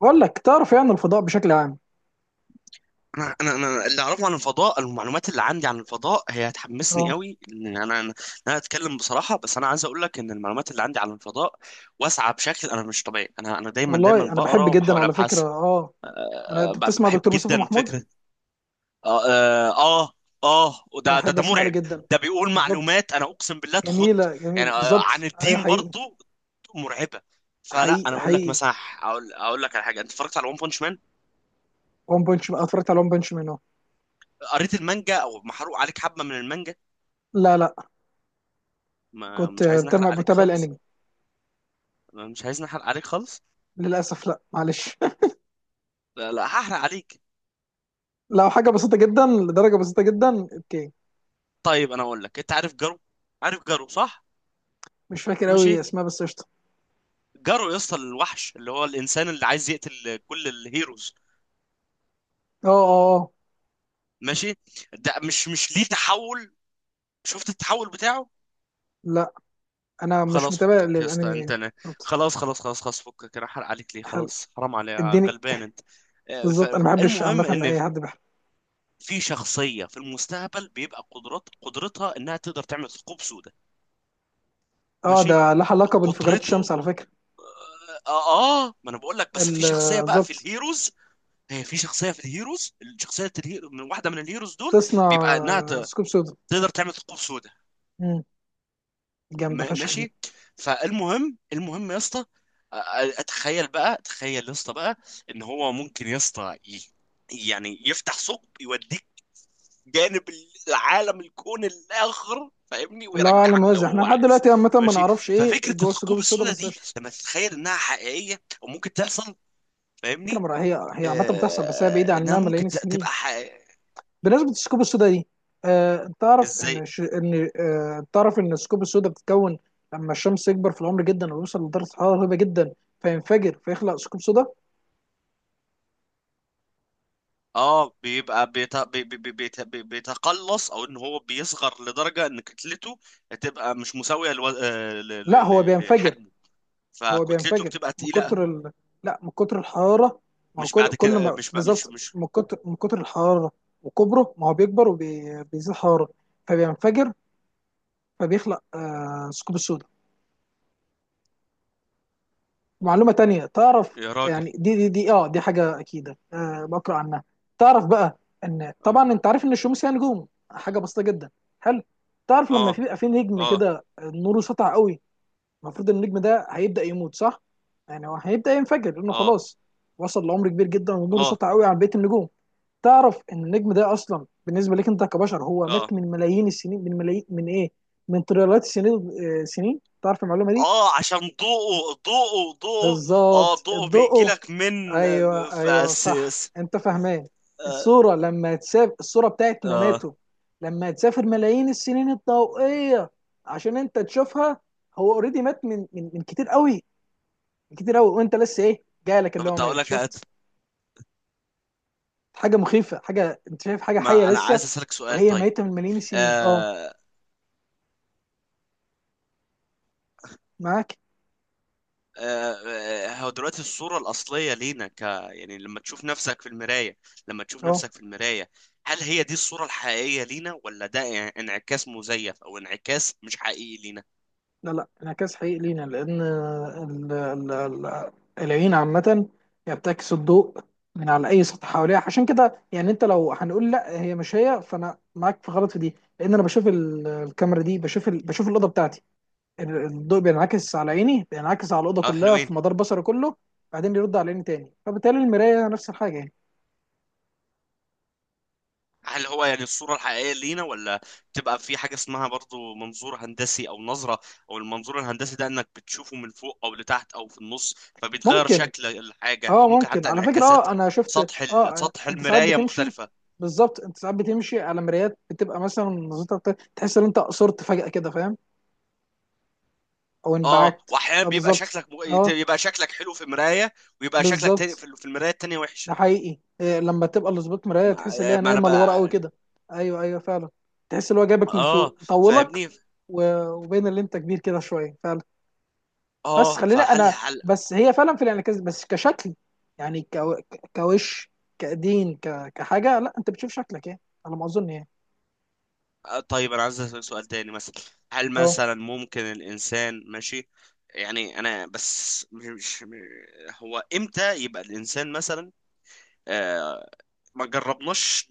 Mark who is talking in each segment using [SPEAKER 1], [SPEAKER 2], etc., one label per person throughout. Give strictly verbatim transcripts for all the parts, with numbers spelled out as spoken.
[SPEAKER 1] بقول لك تعرف يعني الفضاء بشكل عام.
[SPEAKER 2] انا انا انا اللي اعرفه عن الفضاء، المعلومات اللي عندي عن الفضاء هي هتحمسني
[SPEAKER 1] اه،
[SPEAKER 2] قوي. ان انا انا أنا اتكلم بصراحه، بس انا عايز اقول لك ان المعلومات اللي عندي عن الفضاء واسعه بشكل انا مش طبيعي. انا انا دايما دايما
[SPEAKER 1] والله انا بحب
[SPEAKER 2] بقرا
[SPEAKER 1] جدا
[SPEAKER 2] وبحاول
[SPEAKER 1] على فكره.
[SPEAKER 2] ابحث.
[SPEAKER 1] اه، انا
[SPEAKER 2] أه،
[SPEAKER 1] انت
[SPEAKER 2] ب-
[SPEAKER 1] بتسمع
[SPEAKER 2] بحب
[SPEAKER 1] دكتور مصطفى
[SPEAKER 2] جدا
[SPEAKER 1] محمود.
[SPEAKER 2] فكره. اه اه اه آه، وده ده
[SPEAKER 1] بحب
[SPEAKER 2] ده
[SPEAKER 1] اسمع له
[SPEAKER 2] مرعب.
[SPEAKER 1] جدا.
[SPEAKER 2] ده بيقول
[SPEAKER 1] بالظبط.
[SPEAKER 2] معلومات انا اقسم بالله تخض.
[SPEAKER 1] جميله
[SPEAKER 2] يعني
[SPEAKER 1] جميله
[SPEAKER 2] أه، عن
[SPEAKER 1] بالظبط، ايوه
[SPEAKER 2] الدين
[SPEAKER 1] حقيقي.
[SPEAKER 2] برضو، مرعبه. فلا انا
[SPEAKER 1] حقيقي
[SPEAKER 2] اقول لك
[SPEAKER 1] حقيقي.
[SPEAKER 2] مثلا، اقول اقول لك على حاجه، انت اتفرجت على ون بونش مان؟
[SPEAKER 1] وان بنش اتفرجت على وان بنش منه.
[SPEAKER 2] قريت المانجا او محروق عليك حبه من المانجا؟
[SPEAKER 1] لا لا،
[SPEAKER 2] ما
[SPEAKER 1] كنت
[SPEAKER 2] مش عايز نحرق
[SPEAKER 1] بتابع
[SPEAKER 2] عليك
[SPEAKER 1] بتابع
[SPEAKER 2] خالص.
[SPEAKER 1] الانمي
[SPEAKER 2] أنا مش عايز نحرق عليك خالص.
[SPEAKER 1] للاسف، لا معلش
[SPEAKER 2] لا لا، هحرق عليك.
[SPEAKER 1] لو حاجه بسيطه جدا، لدرجه بسيطه جدا، اوكي.
[SPEAKER 2] طيب انا اقول لك، انت عارف جارو؟ عارف جارو صح؟
[SPEAKER 1] مش فاكر
[SPEAKER 2] ماشي.
[SPEAKER 1] قوي اسمها بس قشطه.
[SPEAKER 2] جارو يا اسطى، الوحش اللي هو الانسان اللي عايز يقتل كل الهيروز.
[SPEAKER 1] اه اه اه.
[SPEAKER 2] ماشي. ده مش مش ليه تحول؟ شفت التحول بتاعه؟
[SPEAKER 1] لا، انا مش
[SPEAKER 2] خلاص
[SPEAKER 1] متابع
[SPEAKER 2] فكك يا اسطى، انت
[SPEAKER 1] للانمي.
[SPEAKER 2] انا
[SPEAKER 1] بالظبط.
[SPEAKER 2] خلاص خلاص خلاص خلاص فكك، انا هحرق عليك ليه؟
[SPEAKER 1] حلو،
[SPEAKER 2] خلاص، حرام عليك،
[SPEAKER 1] اديني.
[SPEAKER 2] غلبان انت. آه،
[SPEAKER 1] بالظبط انا ما بحبش
[SPEAKER 2] فالمهم
[SPEAKER 1] عامه
[SPEAKER 2] ان
[SPEAKER 1] اي حد.
[SPEAKER 2] في شخصية في المستقبل بيبقى قدرات، قدرتها انها تقدر تعمل ثقوب سوداء.
[SPEAKER 1] اه،
[SPEAKER 2] ماشي.
[SPEAKER 1] ده لها علاقة بانفجارات
[SPEAKER 2] قدرته.
[SPEAKER 1] الشمس على فكرة.
[SPEAKER 2] اه اه. ما انا بقول لك، بس
[SPEAKER 1] ال-
[SPEAKER 2] في شخصيه بقى في
[SPEAKER 1] بالظبط.
[SPEAKER 2] الهيروز، هي في شخصيه في الهيروز، شخصيه الهيرو من واحده من الهيروز دول،
[SPEAKER 1] بتصنع
[SPEAKER 2] بيبقى انها ت-
[SPEAKER 1] ثقوب سودا.
[SPEAKER 2] تقدر تعمل ثقوب سوداء.
[SPEAKER 1] امم جامدة
[SPEAKER 2] ما-
[SPEAKER 1] فشخ دي.
[SPEAKER 2] ماشي. فالمهم المهم يا اسطى، آه، آه، اتخيل بقى، تخيل يا اسطى بقى ان هو ممكن يا اسطى ي- يعني يفتح ثقب يوديك جانب العالم، الكون الاخر، فاهمني؟
[SPEAKER 1] الله اعلم
[SPEAKER 2] ويرجعك لو
[SPEAKER 1] موزع، احنا
[SPEAKER 2] هو
[SPEAKER 1] لحد
[SPEAKER 2] عايز.
[SPEAKER 1] دلوقتي عامة ما
[SPEAKER 2] ماشي.
[SPEAKER 1] نعرفش ايه
[SPEAKER 2] ففكره
[SPEAKER 1] جوه الثقوب
[SPEAKER 2] الثقوب
[SPEAKER 1] السودا،
[SPEAKER 2] السوداء
[SPEAKER 1] بس
[SPEAKER 2] دي
[SPEAKER 1] قشطة.
[SPEAKER 2] لما تتخيل انها حقيقيه او ممكن تحصل،
[SPEAKER 1] فكرة
[SPEAKER 2] فاهمني؟
[SPEAKER 1] مرة، هي هي عامة بتحصل بس هي بعيدة
[SPEAKER 2] آه، انها
[SPEAKER 1] عننا
[SPEAKER 2] ممكن
[SPEAKER 1] ملايين
[SPEAKER 2] ت-
[SPEAKER 1] السنين.
[SPEAKER 2] تبقى حقيقية.
[SPEAKER 1] بالنسبة للثقوب السودا دي، آه تعرف ان
[SPEAKER 2] ازاي؟
[SPEAKER 1] ش... ان آه تعرف ان الثقوب السودا بتتكون لما الشمس يكبر في العمر جدا ويوصل لدرجة حرارة رهيبة جدا، فينفجر فيخلق ثقوب سودا.
[SPEAKER 2] اه، بيبقى بيت... بي... بي... بي... بيت- بي... بيتقلص، او ان هو بيصغر لدرجه ان كتلته تبقى مش مساويه لو... آه، ل...
[SPEAKER 1] لا
[SPEAKER 2] ل...
[SPEAKER 1] هو
[SPEAKER 2] ل...
[SPEAKER 1] بينفجر.
[SPEAKER 2] لحجمه،
[SPEAKER 1] هو
[SPEAKER 2] فكتلته
[SPEAKER 1] بينفجر
[SPEAKER 2] بتبقى
[SPEAKER 1] من
[SPEAKER 2] تقيله.
[SPEAKER 1] كتر ال... لا، من كتر الحرارة. ما هو
[SPEAKER 2] مش
[SPEAKER 1] كل
[SPEAKER 2] بعد
[SPEAKER 1] كل
[SPEAKER 2] كده آه،
[SPEAKER 1] ما
[SPEAKER 2] مش بقى مش
[SPEAKER 1] بالظبط،
[SPEAKER 2] مش
[SPEAKER 1] من كتر من كتر الحرارة وكبره، ما هو بيكبر وبيزيد حرارة فبينفجر، فبيخلق آه ثقوب سوداء. معلومة تانية تعرف
[SPEAKER 2] يا راجل.
[SPEAKER 1] يعني، دي دي دي اه دي حاجة أكيدة، آه بقرأ عنها. تعرف بقى، إن
[SPEAKER 2] اه
[SPEAKER 1] طبعا أنت عارف إن الشمس هي نجوم، حاجة بسيطة جدا. حلو. تعرف لما في
[SPEAKER 2] اه
[SPEAKER 1] بيبقى في نجم
[SPEAKER 2] اه
[SPEAKER 1] كده، آه، نوره سطع قوي، المفروض النجم ده هيبدا يموت صح؟ يعني هو هيبدا ينفجر لانه
[SPEAKER 2] اه.
[SPEAKER 1] خلاص وصل لعمر كبير جدا ونوره
[SPEAKER 2] آه.
[SPEAKER 1] سطع قوي عن بقيه النجوم. تعرف ان النجم ده اصلا بالنسبه لك انت كبشر هو
[SPEAKER 2] اه
[SPEAKER 1] مات من ملايين السنين، من ملايين من ايه؟ من تريليونات السنين آه، سنين تعرف المعلومه دي؟
[SPEAKER 2] اه، عشان ضوءه ضوءه ضوءه. اه،
[SPEAKER 1] بالظبط
[SPEAKER 2] ضوءه بيجي
[SPEAKER 1] الضوء.
[SPEAKER 2] لك من
[SPEAKER 1] ايوه ايوه صح،
[SPEAKER 2] اساس.
[SPEAKER 1] انت فاهمان.
[SPEAKER 2] آه.
[SPEAKER 1] الصوره لما تسافر، الصوره بتاعت
[SPEAKER 2] آه.
[SPEAKER 1] مماته لما تسافر ملايين السنين الضوئيه عشان انت تشوفها، هو اوريدي مات من من من كتير قوي، كتير قوي، وانت لسه ايه جايلك
[SPEAKER 2] طب
[SPEAKER 1] اللي هو
[SPEAKER 2] انت اقول
[SPEAKER 1] ميت،
[SPEAKER 2] لك، هات.
[SPEAKER 1] شفت؟ حاجه مخيفه، حاجه انت شايف حاجه حيه
[SPEAKER 2] ما انا عايز
[SPEAKER 1] لسه
[SPEAKER 2] اسالك سؤال
[SPEAKER 1] وهي
[SPEAKER 2] طيب.
[SPEAKER 1] ميته من ملايين السنين. اه،
[SPEAKER 2] آه.
[SPEAKER 1] معاك.
[SPEAKER 2] آه. آه، هو دلوقتي الصورة الأصلية لينا، ك يعني لما تشوف نفسك في المراية، لما تشوف
[SPEAKER 1] اه،
[SPEAKER 2] نفسك في المراية، هل هي دي الصورة الحقيقية لينا، ولا ده انعكاس مزيف أو انعكاس مش حقيقي لينا؟
[SPEAKER 1] لا لا، انعكاس حقيقي لينا، لان ال- ال- ال- العين عامه هي بتعكس الضوء من على اي سطح حواليها. عشان كده يعني انت لو هنقول لا هي مش هي، فانا معاك في غلط في دي، لان انا بشوف ال- الكاميرا دي بشوف ال... بشوف الاوضه بتاعتي. ال- الضوء بينعكس على عيني، بينعكس على الاوضه
[SPEAKER 2] اه
[SPEAKER 1] كلها في
[SPEAKER 2] حلوين.
[SPEAKER 1] مدار بصري كله، بعدين يرد على عيني تاني، فبالتالي المرايه نفس الحاجه.
[SPEAKER 2] هل هو يعني الصورة الحقيقية لينا، ولا تبقى في حاجة اسمها برضو منظور هندسي أو نظرة، أو المنظور الهندسي ده، إنك بتشوفه من فوق أو لتحت أو في النص، فبيتغير
[SPEAKER 1] ممكن.
[SPEAKER 2] شكل الحاجة، أو
[SPEAKER 1] اه
[SPEAKER 2] ممكن
[SPEAKER 1] ممكن،
[SPEAKER 2] حتى
[SPEAKER 1] على فكرة
[SPEAKER 2] انعكاسات
[SPEAKER 1] اه، انا شفت
[SPEAKER 2] سطح ال...
[SPEAKER 1] اه،
[SPEAKER 2] سطح
[SPEAKER 1] انت ساعات
[SPEAKER 2] المراية
[SPEAKER 1] بتمشي.
[SPEAKER 2] مختلفة.
[SPEAKER 1] بالظبط، انت ساعات بتمشي على مرايات بتبقى مثلا نظرتها، بت- تحس ان انت قصرت فجأة كده، فاهم؟ او
[SPEAKER 2] اه،
[SPEAKER 1] انبعكت.
[SPEAKER 2] واحيانا
[SPEAKER 1] اه
[SPEAKER 2] بيبقى
[SPEAKER 1] بالظبط.
[SPEAKER 2] شكلك م...
[SPEAKER 1] اه
[SPEAKER 2] يبقى شكلك حلو في مراية، ويبقى شكلك تاني
[SPEAKER 1] بالظبط.
[SPEAKER 2] في في المراية التانية
[SPEAKER 1] ده
[SPEAKER 2] وحش.
[SPEAKER 1] حقيقي، إيه لما تبقى لظبط مراية
[SPEAKER 2] ما...
[SPEAKER 1] تحس ان هي
[SPEAKER 2] ما انا
[SPEAKER 1] نايمة لورا قوي
[SPEAKER 2] بقى.
[SPEAKER 1] كده. ايوه ايوه فعلا. تحس ان هو جايبك من
[SPEAKER 2] اه،
[SPEAKER 1] فوق طولك،
[SPEAKER 2] فاهمني.
[SPEAKER 1] و- وبين اللي انت كبير كده شوية فعلا. بس
[SPEAKER 2] اه،
[SPEAKER 1] خلينا
[SPEAKER 2] فهل
[SPEAKER 1] انا،
[SPEAKER 2] هل
[SPEAKER 1] بس هي فعلا في الانعكاس بس كشكل، يعني كو- كوش كدين، ك- كحاجه، لا انت بتشوف شكلك ايه، على ما اظن يعني.
[SPEAKER 2] آه، طيب انا عايز اسالك سؤال تاني مثلا، هل
[SPEAKER 1] اه
[SPEAKER 2] مثلا ممكن الانسان ماشي يعني، انا بس مش مش- هو امتى يبقى الانسان مثلا، آه، ما جربناش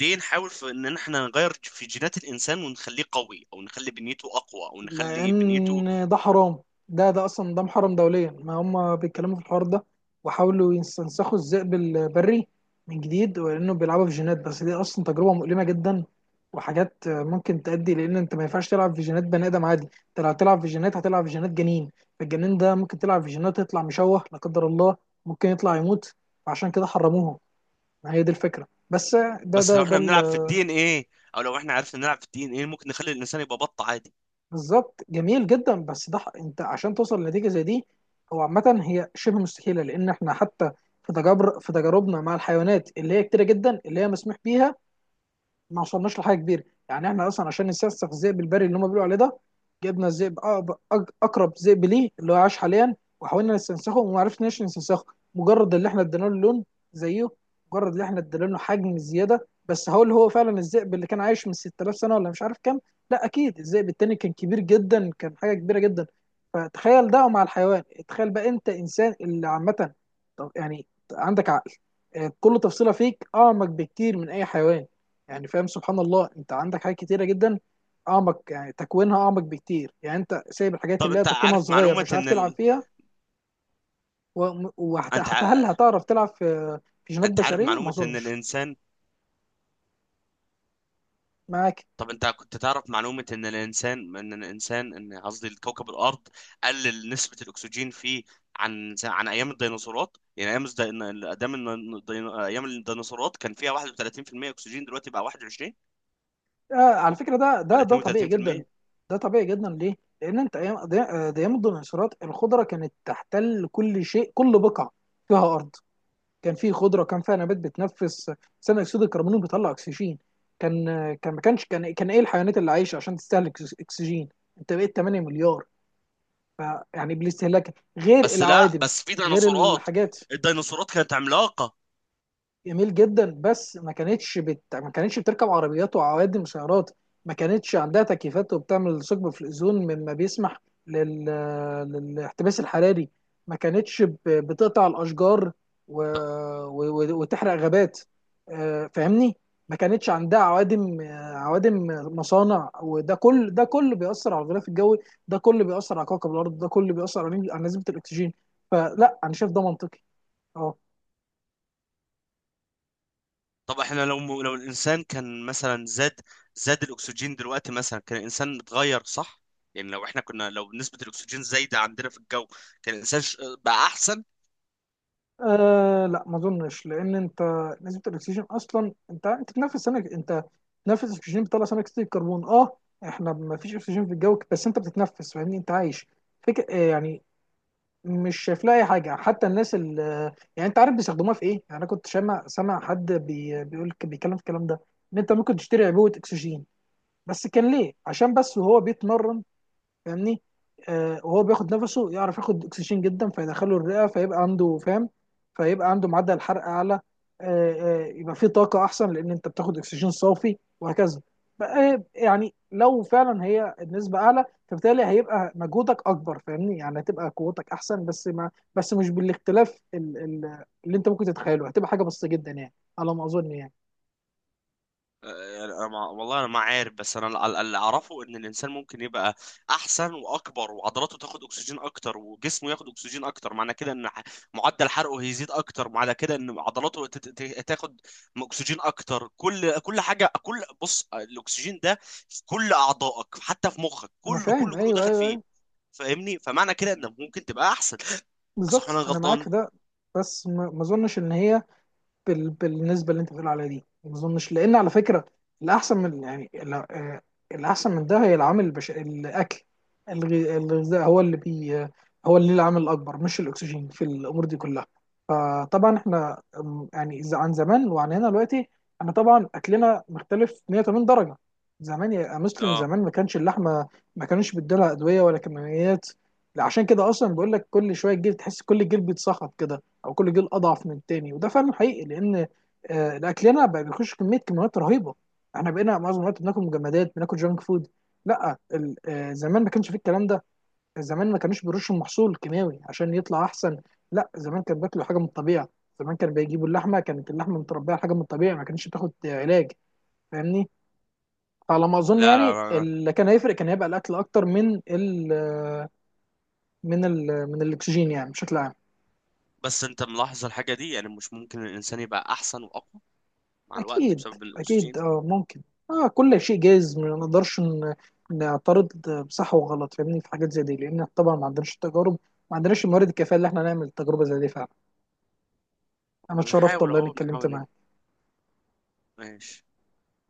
[SPEAKER 2] ليه نحاول في ان احنا نغير في جينات الانسان ونخليه قوي، او نخلي بنيته اقوى، او نخلي بنيته،
[SPEAKER 1] لان ده حرام. ده ده اصلا ده محرم دوليا. ما هم بيتكلموا في الحوار ده وحاولوا يستنسخوا الذئب البري من جديد ولانه بيلعبوا في جينات، بس دي اصلا تجربه مؤلمه جدا وحاجات ممكن تؤدي لان انت ما ينفعش تلعب في جينات بني ادم عادي. انت لو هتلعب في جينات هتلعب في جينات جنين، فالجنين ده ممكن تلعب في جينات يطلع مشوه لا قدر الله، ممكن يطلع يموت. فعشان كده حرموها، ما هي دي الفكره بس. ده
[SPEAKER 2] بس لو
[SPEAKER 1] ده ده
[SPEAKER 2] احنا بنلعب في الدي ان ايه، او لو احنا عرفنا نلعب في الدي ان ايه، ممكن نخلي الانسان يبقى بط عادي.
[SPEAKER 1] بالظبط جميل جدا. بس ده ح- انت عشان توصل لنتيجه زي دي، هو عامه هي شبه مستحيله، لان احنا حتى في تجارب، في تجاربنا مع الحيوانات اللي هي كتيره جدا اللي هي مسموح بيها، ما وصلناش لحاجه كبيره. يعني احنا اصلا عشان نسفسف الذئب البري اللي هم بيقولوا عليه ده، جبنا الذئب أقرب- أج- اقرب ذئب ليه اللي هو عاش حاليا، وحاولنا نستنسخه وما عرفناش نستنسخه، مجرد اللي احنا ادينا له لون زيه، مجرد اللي احنا ادينا له حجم زياده بس. هقول هو فعلا الذئب اللي كان عايش من ستة آلاف سنه ولا مش عارف كام. لا اكيد الذئب التاني كان كبير جدا، كان حاجه كبيره جدا. فتخيل ده مع الحيوان، تخيل بقى انت انسان اللي عامه، طب يعني عندك عقل، آه، كل تفصيله فيك اعمق بكتير من اي حيوان. يعني فاهم، سبحان الله، انت عندك حاجات كتيره جدا اعمق، يعني تكوينها اعمق بكتير، يعني انت سايب الحاجات
[SPEAKER 2] طب
[SPEAKER 1] اللي هي
[SPEAKER 2] انت
[SPEAKER 1] تكوينها
[SPEAKER 2] عارف
[SPEAKER 1] صغير
[SPEAKER 2] معلومة
[SPEAKER 1] مش عارف
[SPEAKER 2] ان
[SPEAKER 1] تلعب
[SPEAKER 2] ال...
[SPEAKER 1] فيها، و- وهت-
[SPEAKER 2] انت
[SPEAKER 1] هت- هل
[SPEAKER 2] ع...
[SPEAKER 1] هتعرف تلعب في في جينات
[SPEAKER 2] انت عارف
[SPEAKER 1] بشريه؟ ما
[SPEAKER 2] معلومة ان
[SPEAKER 1] اظنش.
[SPEAKER 2] الانسان،
[SPEAKER 1] معاك.
[SPEAKER 2] طب انت كنت تعرف معلومة ان الانسان ان الانسان، ان قصدي كوكب الارض قلل نسبة الاكسجين فيه عن عن ايام الديناصورات؟ يعني ايام الد- ايام الدين- ايام الديناصورات كان فيها واحد وثلاثين في المية اكسجين، دلوقتي بقى واحد وعشرين
[SPEAKER 1] آه على فكره، ده ده
[SPEAKER 2] ولا
[SPEAKER 1] ده طبيعي
[SPEAKER 2] اتنين وثلاثين في المية؟
[SPEAKER 1] جدا. ده طبيعي جدا، ليه؟ لان انت ايام ده، آه، ده ايام الديناصورات الخضره كانت تحتل كل شيء، كل بقعه فيها ارض كان فيه خضره، كان فيها نبات بتنفس ثاني اكسيد الكربون بيطلع اكسجين. كان كان ما كانش كان كان ايه الحيوانات اللي عايشه عشان تستهلك اكسجين. انت بقيت تمانية مليار، ف يعني بالاستهلاك غير
[SPEAKER 2] بس لا،
[SPEAKER 1] العوادم،
[SPEAKER 2] بس في
[SPEAKER 1] غير
[SPEAKER 2] ديناصورات،
[SPEAKER 1] الحاجات.
[SPEAKER 2] الديناصورات كانت عملاقة.
[SPEAKER 1] جميل جدا، بس ما كانتش بت... ما كانتش بتركب عربيات وعوادم سيارات، ما كانتش عندها تكييفات وبتعمل ثقب في الأوزون مما بيسمح لل... للاحتباس الحراري. ما كانتش ب... بتقطع الأشجار و...
[SPEAKER 2] ط-
[SPEAKER 1] و... و- وتحرق غابات، آه، فاهمني؟ ما كانتش عندها عوادم، آه، عوادم مصانع، وده كل ده كل بيأثر على الغلاف الجوي، ده كل بيأثر على كوكب الأرض، ده كل بيأثر على على نسبة الأكسجين. فلا أنا شايف ده منطقي. اه.
[SPEAKER 2] طب احنا لو، لو الانسان كان مثلا زاد، زاد الاكسجين دلوقتي مثلا، كان الانسان اتغير صح؟ يعني لو احنا كنا، لو نسبة الاكسجين زايدة عندنا في الجو، كان الانسان ش- بقى احسن.
[SPEAKER 1] آه لا، ما اظنش. لان انت نسبه الاكسجين، اصلا انت انت بتنفس سمك، انت بتنفس اكسجين بتطلع ثاني اكسيد الكربون. اه، احنا ما فيش اكسجين في الجو بس انت بتتنفس، فاهمني؟ انت عايش. فك... آه يعني مش شايف لها اي حاجه. حتى الناس ال... يعني انت عارف بيستخدموها في ايه؟ يعني انا كنت سامع، سامع حد بي... بيقول، بيتكلم في الكلام ده، ان انت ممكن تشتري عبوه اكسجين، بس كان ليه عشان بس وهو بيتمرن، فاهمني؟ آه وهو بياخد نفسه يعرف ياخد اكسجين جدا فيدخله الرئه، فيبقى عنده، فاهم؟ فيبقى عنده معدل حرق اعلى. آه، آه، يبقى فيه طاقه احسن، لان انت بتاخد اكسجين صافي وهكذا. بقى يعني لو فعلا هي النسبه اعلى، فبالتالي هيبقى مجهودك اكبر، فاهمني؟ يعني هتبقى قوتك احسن، بس ما بس مش بالاختلاف ال- ال- اللي انت ممكن تتخيله، هتبقى حاجه بسيطه جدا يعني، على ما اظن يعني.
[SPEAKER 2] يعني أنا ما، والله انا ما عارف، بس انا ال- ال- اللي اعرفه ان الانسان ممكن يبقى احسن واكبر، وعضلاته تاخد اكسجين اكتر، وجسمه ياخد اكسجين اكتر، معنى كده ان ح- معدل حرقه هيزيد اكتر، معنى كده ان عضلاته تت- ت- تاخد اكسجين اكتر. كل كل حاجه، كل، بص، الاكسجين ده في كل اعضائك، حتى في مخك،
[SPEAKER 1] انا
[SPEAKER 2] كله
[SPEAKER 1] فاهم،
[SPEAKER 2] كله كله
[SPEAKER 1] ايوه
[SPEAKER 2] داخل
[SPEAKER 1] ايوه
[SPEAKER 2] فيه،
[SPEAKER 1] ايوه.
[SPEAKER 2] فاهمني؟ فمعنى كده انك ممكن تبقى احسن، صح ولا
[SPEAKER 1] بالظبط
[SPEAKER 2] أنا
[SPEAKER 1] انا معاك
[SPEAKER 2] غلطان؟
[SPEAKER 1] في ده. بس ما ما اظنش ان هي بال... بالنسبه اللي انت بتقول عليها دي ما اظنش. لان على فكره، الاحسن من يعني ال- آه، الاحسن من ده هي العامل البش... الاكل، الغ- الغذاء هو اللي بي، هو اللي ليه العامل الاكبر، مش الاكسجين في الامور دي كلها. فطبعا احنا أم، يعني إذا عن زمان وعن هنا دلوقتي، انا طبعا اكلنا مختلف مية وتمانين درجه. زمان يا مسلم،
[SPEAKER 2] اه،
[SPEAKER 1] زمان ما كانش اللحمه، ما كانوش بيدولها ادويه ولا كيماويات. عشان كده اصلا بقول لك كل شويه الجلد تحس كل الجلد بيتصخط كده، او كل جيل اضعف من التاني. وده فعلا حقيقي، لان آه، اكلنا بقى بيخش كميه كميات رهيبه. احنا بقينا معظم الوقت بناكل مجمدات، بناكل جانك فود. لا ال- آه، زمان ما كانش فيه الكلام ده. زمان ما كانوش بيرشوا المحصول كيماوي عشان يطلع احسن. لا زمان كان بياكلوا حاجه من الطبيعه. زمان كانوا بيجيبوا اللحمه، كانت اللحمه متربيه على حاجه من الطبيعه، ما كانتش بتاخد آه، علاج، فاهمني؟ فعلى ما اظن
[SPEAKER 2] لا لا
[SPEAKER 1] يعني
[SPEAKER 2] لا لا.
[SPEAKER 1] اللي كان هيفرق، كان هيبقى الاكل اكتر من ال آه، من ال من الاكسجين، يعني بشكل عام.
[SPEAKER 2] بس انت ملاحظ الحاجه دي، يعني مش ممكن الانسان يبقى احسن واقوى مع الوقت
[SPEAKER 1] أكيد.
[SPEAKER 2] بسبب الأكسجين؟
[SPEAKER 1] أكيد أه ممكن. أه كل شيء جايز، ما نقدرش ن- نعترض بصح وغلط، فاهمني؟ في حاجات زي دي لأن طبعا ما عندناش التجارب، ما عندناش الموارد الكافية اللي احنا نعمل تجربة زي دي فعلا. أنا
[SPEAKER 2] احنا
[SPEAKER 1] اتشرفت
[SPEAKER 2] بنحاول
[SPEAKER 1] والله إني
[SPEAKER 2] أهو،
[SPEAKER 1] اتكلمت
[SPEAKER 2] بنحاول ن-
[SPEAKER 1] معاك.
[SPEAKER 2] ماشي.